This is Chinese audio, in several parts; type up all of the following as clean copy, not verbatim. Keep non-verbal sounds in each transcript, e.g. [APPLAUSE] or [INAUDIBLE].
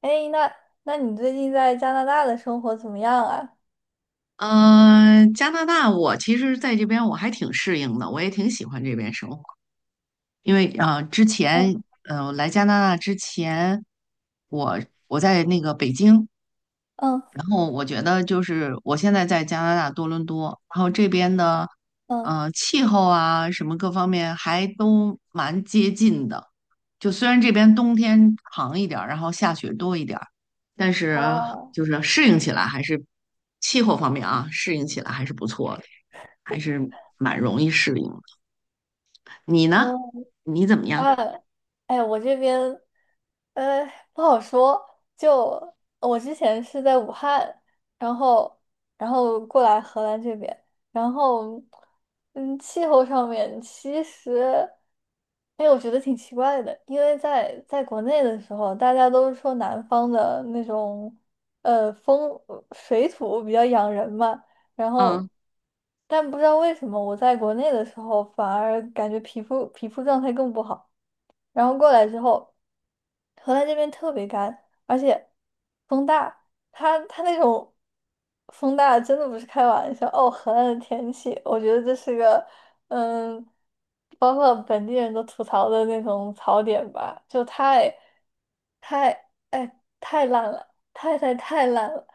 哎，那你最近在加拿大的生活怎么样啊？嗯，加拿大，我其实在这边我还挺适应的，我也挺喜欢这边生活。因为啊，之嗯前来加拿大之前，我我在那个北京，嗯然后我觉得就是我现在在加拿大多伦多，然后这边的嗯。气候啊什么各方面还都蛮接近的。就虽然这边冬天长一点儿，然后下雪多一点儿，但是啊。就是适应起来还是气候方面啊，适应起来还是不错的。还是蛮容易适应的。你呢？哦。你怎么样？啊。哎，我这边呃，不好说。就我之前是在武汉，然后然后过来荷兰这边，然后气候上面其实，哎，我觉得挺奇怪的，因为在国内的时候，大家都是说南方的那种呃风呃水土比较养人嘛，然嗯后但不知道为什么我在国内的时候反而感觉皮肤状态更不好。然后过来之后，荷兰这边特别干，而且风大，它那种风大真的不是开玩笑哦。荷兰的天气，我觉得这是个嗯，包括本地人都吐槽的那种槽点吧，就太哎，太烂了，太太太烂了，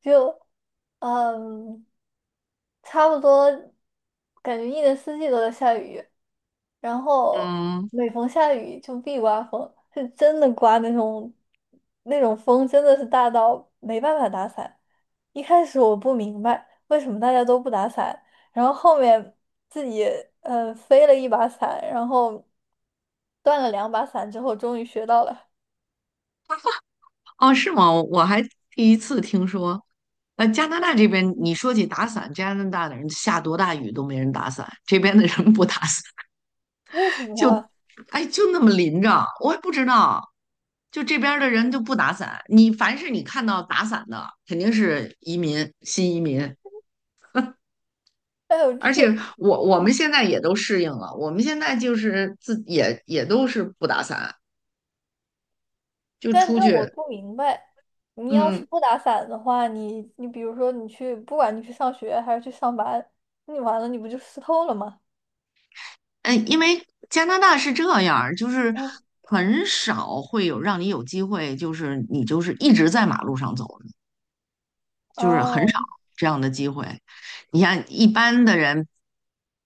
就嗯。差不多，感觉一年四季都在下雨，然后嗯，每逢下雨就必刮风，是真的刮那种风，真的是大到没办法打伞。一开始我不明白为什么大家都不打伞，然后后面自己飞了一把伞，然后断了两把伞之后，终于学到了。哦，是吗？我还第一次听说，加拿大这边嗯，你说起打伞，加拿大的人下多大雨都没人打伞，这边的人不打伞，为什么就，啊？哎，就那么淋着，我也不知道，就这边儿的人就不打伞，你凡是你看到打伞的，肯定是移民，新移民。哎呦，就而且是我们现在也都适应了，我们现在就是自也都是不打伞，就但出但我去，不明白，你要嗯，是不打伞的话，你比如说你去，不管你去上学还是去上班，你完了你不就湿透了吗？嗯因为加拿大是这样儿就是嗯。很少会有让你有机会，就是你就是一直在马路上走就是很少哦。这样的机会。你像一般的人，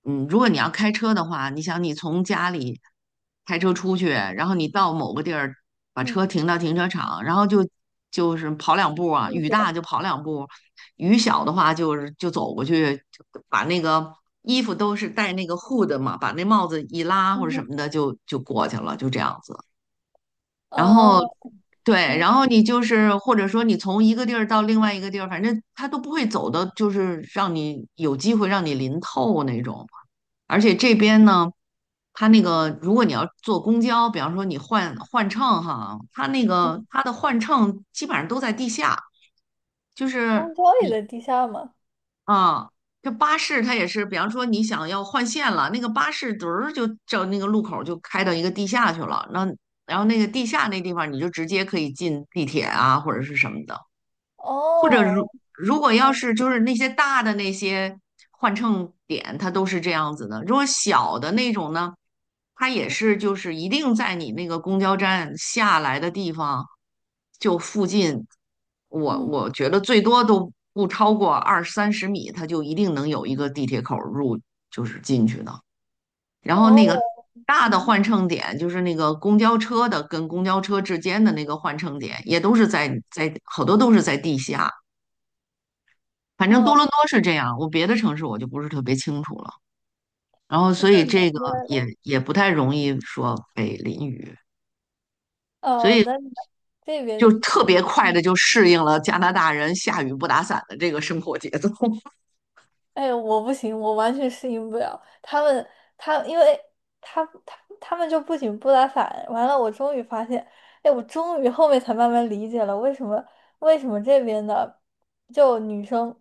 嗯，如果你要开车的话，你想你从家里开车出去，然后你到某个地儿，把嗯。车停到停车场，然后就就是跑两步啊，进雨去了。大就跑两步，雨小的话就是就走过去，就把那个衣服都是戴那个 hood 嘛，把那帽子一拉或者嗯什哼。么的就过去了，就这样子。然哦。后对，嗯然后你就是或者说你从一个地儿到另外一个地儿，反正他都不会走的，就是让你有机会让你淋透那种。而且这边呢，它那个嗯如果你要坐公交，比方说你换乘哈，它那嗯。个它的换乘基本上都在地下，就是公交也在地下吗？啊，这巴士它也是，比方说你想要换线了，那个巴士嘚儿就照那个路口就开到一个地下去了，那然后那个地下那地方你就直接可以进地铁啊或者是什么的。或者哦。如果要嗯是就是那些大的那些换乘点，它都是这样子的。如果小的那种呢，它也嗯是就是一定在你那个公交站下来的地方就附近，我嗯。我觉得最多都不超过二三十米，它就一定能有一个地铁口入就是进去的。然后哦。那个大的嗯。换乘点，就是那个公交车的跟公交车之间的那个换乘点，也都是在好多都是在地下。反正多哦，伦多是这样，我别的城市我就不是特别清楚了。然后，所以那难这个怪也了。也不太容易说被淋雨，哦，那这就边。特别快的嗯。就适应了加拿大人下雨不打伞的这个生活节奏。[LAUGHS] 哎，我不行，我完全适应不了他们。因为他们就不仅不打伞，完了，我终于发现，哎，我终于后面才慢慢理解了为什么这边的就女生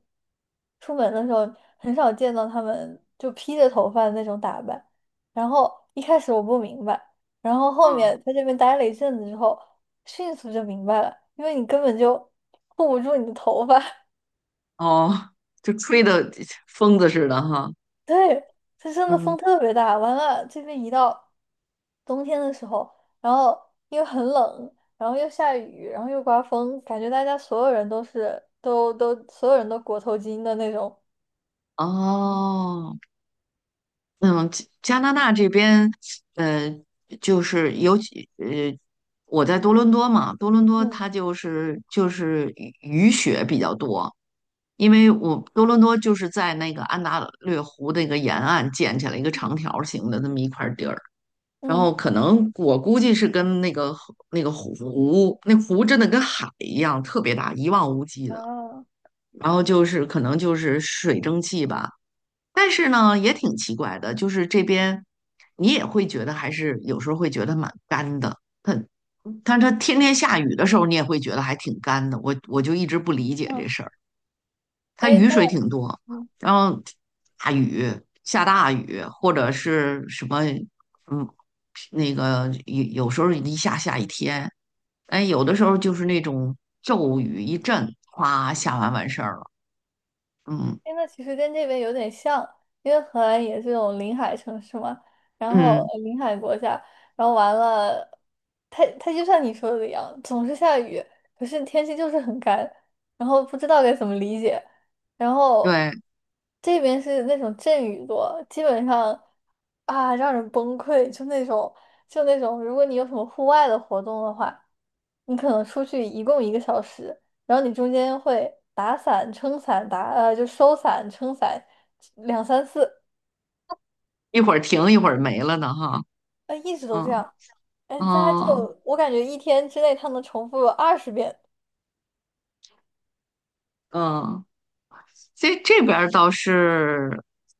出门的时候很少见到他们就披着头发的那种打扮。然后一开始我不明白，然后后面嗯，在这边待了一阵子之后，迅速就明白了，因为你根本就护不住你的头发。哦，就吹的 [LAUGHS] 疯子似的哈。对，这真的嗯，风特别大。完了，这边一到冬天的时候，然后又很冷，然后又下雨，然后又刮风，感觉大家所有人都裹头巾的那种。哦。嗯，加拿大这边，呃，就是尤其我在多伦多嘛，多伦多嗯它就是雨雪比较多，因为我多伦多就是在那个安大略湖那个沿岸建起来一个长嗯条形的那么一块地儿，然后嗯。可能我估计是跟那个湖那个湖，那湖真的跟海一样特别大，一望无际的，啊。然后就是可能就是水蒸气吧。但是呢，也挺奇怪的，就是这边你也会觉得还是有时候会觉得蛮干的。它，但它天天下雨的时候，你也会觉得还挺干的。我就一直不理解这嗯，事儿。它哎，雨但水挺多，嗯然后大雨下大雨，或者是什么，嗯，那个有时候一下下一天，哎，有的时候就是那种骤嗯。雨一阵，哗，下完完事儿了。嗯哎，那其实跟这边有点像，因为荷兰也是这种临海城市嘛，然后嗯，临海国家，然后完了，它就像你说的一样，总是下雨，可是天气就是很干，然后不知道该怎么理解。然后对，这边是那种阵雨多，基本上啊让人崩溃，就那种，如果你有什么户外的活动的话。你可能出去一共1个小时，然后你中间会打伞、撑伞、就收伞、撑伞，两三次，一会儿停一会儿没了呢，哈。一直都这嗯样。哎，大家嗯就我感觉一天之内他能重复20遍。嗯，这边儿倒是，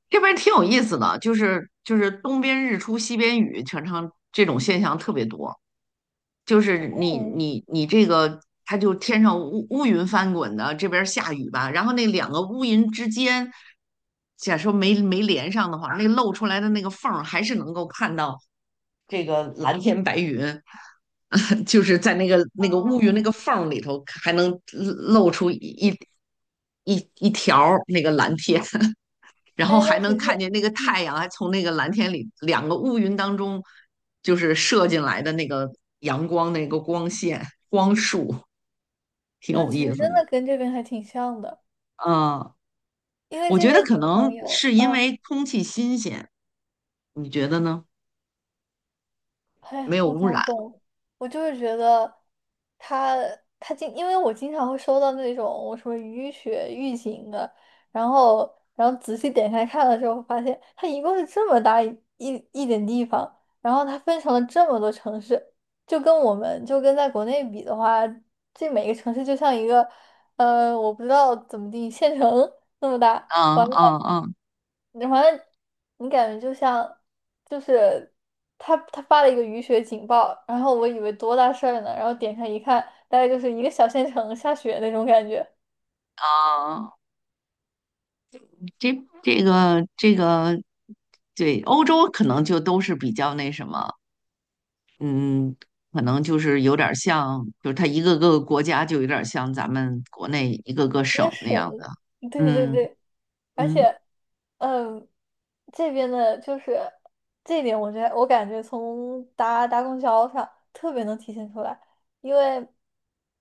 这边儿挺有意思的，就是东边日出西边雨，常常这种现象特别多。就是你嗯。你你这个，它就天上乌云翻滚的，这边儿下雨吧，然后那两个乌云之间，假说没连上的话，那露出来的那个缝儿还是能够看到这个蓝天白云，[LAUGHS] 就是在那个乌云那哦。个缝儿里头，还能露出一条儿那个蓝天。然后哎，还那其能实，看见那个嗯，太阳还从那个蓝天里两个乌云当中，就是射进来的那个阳光那个光线光束，挺有意思真的。的跟这边还挺像的，嗯，因为我这觉得边可经常能有，是因啊。为空气新鲜，你觉得呢？哎，没有我污搞染。不懂，我就是觉得他他经，因为我经常会收到那种我什么雨雪预警的，然后仔细点开看了之后，发现它一共是这么大一点地方，然后它分成了这么多城市，就跟在国内比的话，这每个城市就像一个我不知道怎么定县城 [LAUGHS] 那么大，嗯完了。嗯嗯你好像你感觉就像，就是他发了一个雨雪警报，然后我以为多大事儿呢，然后点开一看，大概就是一个小县城下雪那种感觉，嗯，这这个，对，欧洲可能就都是比较那什么，嗯，可能就是有点儿像，就是它一个个国家就有点儿像咱们国内一个个也省那样省，的。对对嗯对，而嗯且，嗯，这边的就是这一点，我觉得我感觉从搭搭公交上特别能体现出来，因为，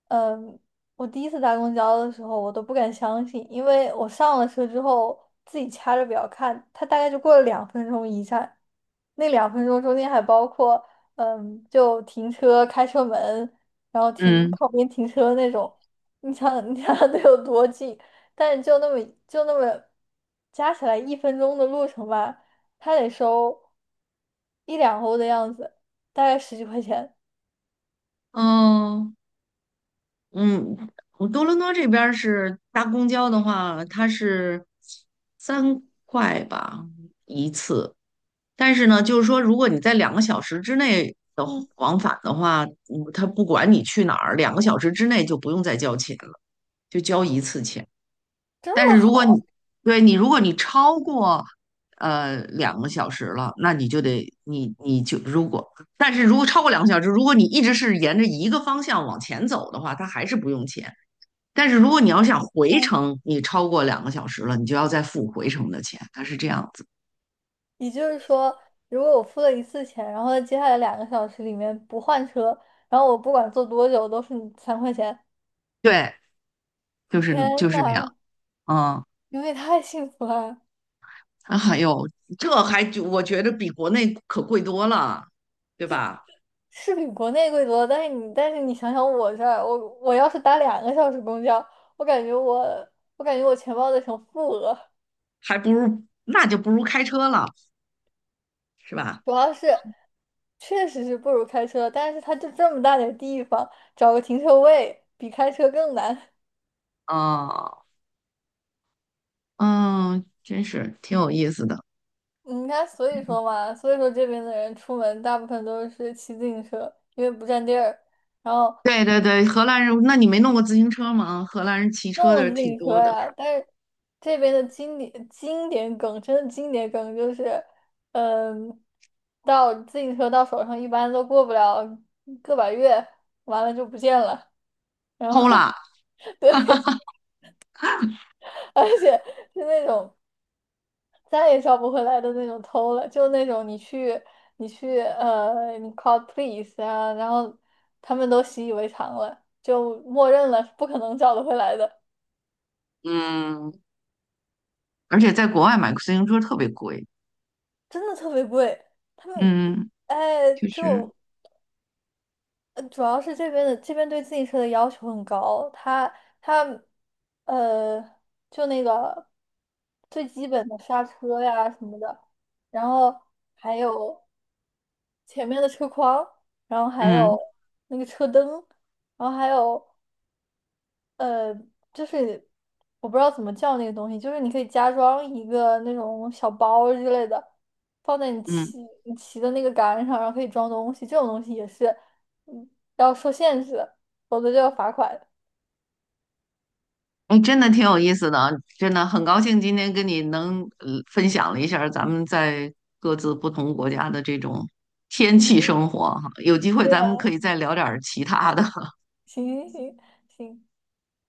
嗯，我第一次搭公交的时候，我都不敢相信，因为我上了车之后自己掐着表看，它大概就过了两分钟一站，那两分钟中间还包括，就停车、开车门，然后停嗯，靠边停车那种。你想想，[LAUGHS] 你想想得有多近？但是就那么就那么加起来1分钟的路程吧，他得收一两欧的样子，大概十几块钱。哦，嗯，我多伦多这边儿是搭公交的话，它是3块吧一次，但是呢，就是说如果你在两个小时之内的嗯，往返的话，嗯，它不管你去哪儿，两个小时之内就不用再交钱了，就交一次钱。这但是么如好。果你对你，如果你超过两个小时了，那你就得你就如果，但是如果超过两个小时，如果你一直是沿着一个方向往前走的话，它还是不用钱。但是如果你要想回嗯程，你超过两个小时了，你就要再付回程的钱，它是这样子。也就是说，如果我付了一次钱，然后接下来两个小时里面不换车，然后我不管坐多久都是3块钱。对，就是天就是那样。呐，嗯，你们也太幸福了！啊哎呦，这还就我觉得比国内可贵多了，对吧？是比国内贵多，但是你想想我这儿，我要是打两个小时公交，我感觉我钱包得成负额，还不如那就不如开车了，是吧？主要是确实是不如开车，但是它就这么大点儿地方，找个停车位比开车更难。嗯。嗯，真是挺有意思的。嗯你看，所以说嘛，所以说这边的人出门大部分都是骑自行车，因为不占地儿。然后对对对，荷兰人，那你没弄过自行车吗？荷兰人骑车弄了的自挺行多车的呀，但是这边的经典梗，真的经典梗就是，嗯，到自行车到手上一般都过不了个把月，完了就不见了。然偷后 了。[LAUGHS] 对，而且是那种再也找不回来的那种偷了，就那种你 call police 啊，然后他们都习以为常了，就默认了是不可能找得回来的，嗯，而且在国外买个自行车特别贵，真的特别贵。他们嗯，哎，确实，主要是这边对自行车的要求很高，它它呃，就那个最基本的刹车呀什么的，然后还有前面的车筐，然后还嗯有那个车灯，然后还有呃，就是我不知道怎么叫那个东西，就是你可以加装一个那种小包之类的，放在你嗯，骑你骑的那个杆上，然后可以装东西。这种东西也是，嗯，要受限制，否则就要罚款。[LAUGHS] 哎，真的挺有意思的啊，真的很高兴今天跟你能分享了一下儿咱们在各自不同国家的这种天气嗯，生活哈，有机会对咱呀、们可以再聊点儿其他的。行行行。行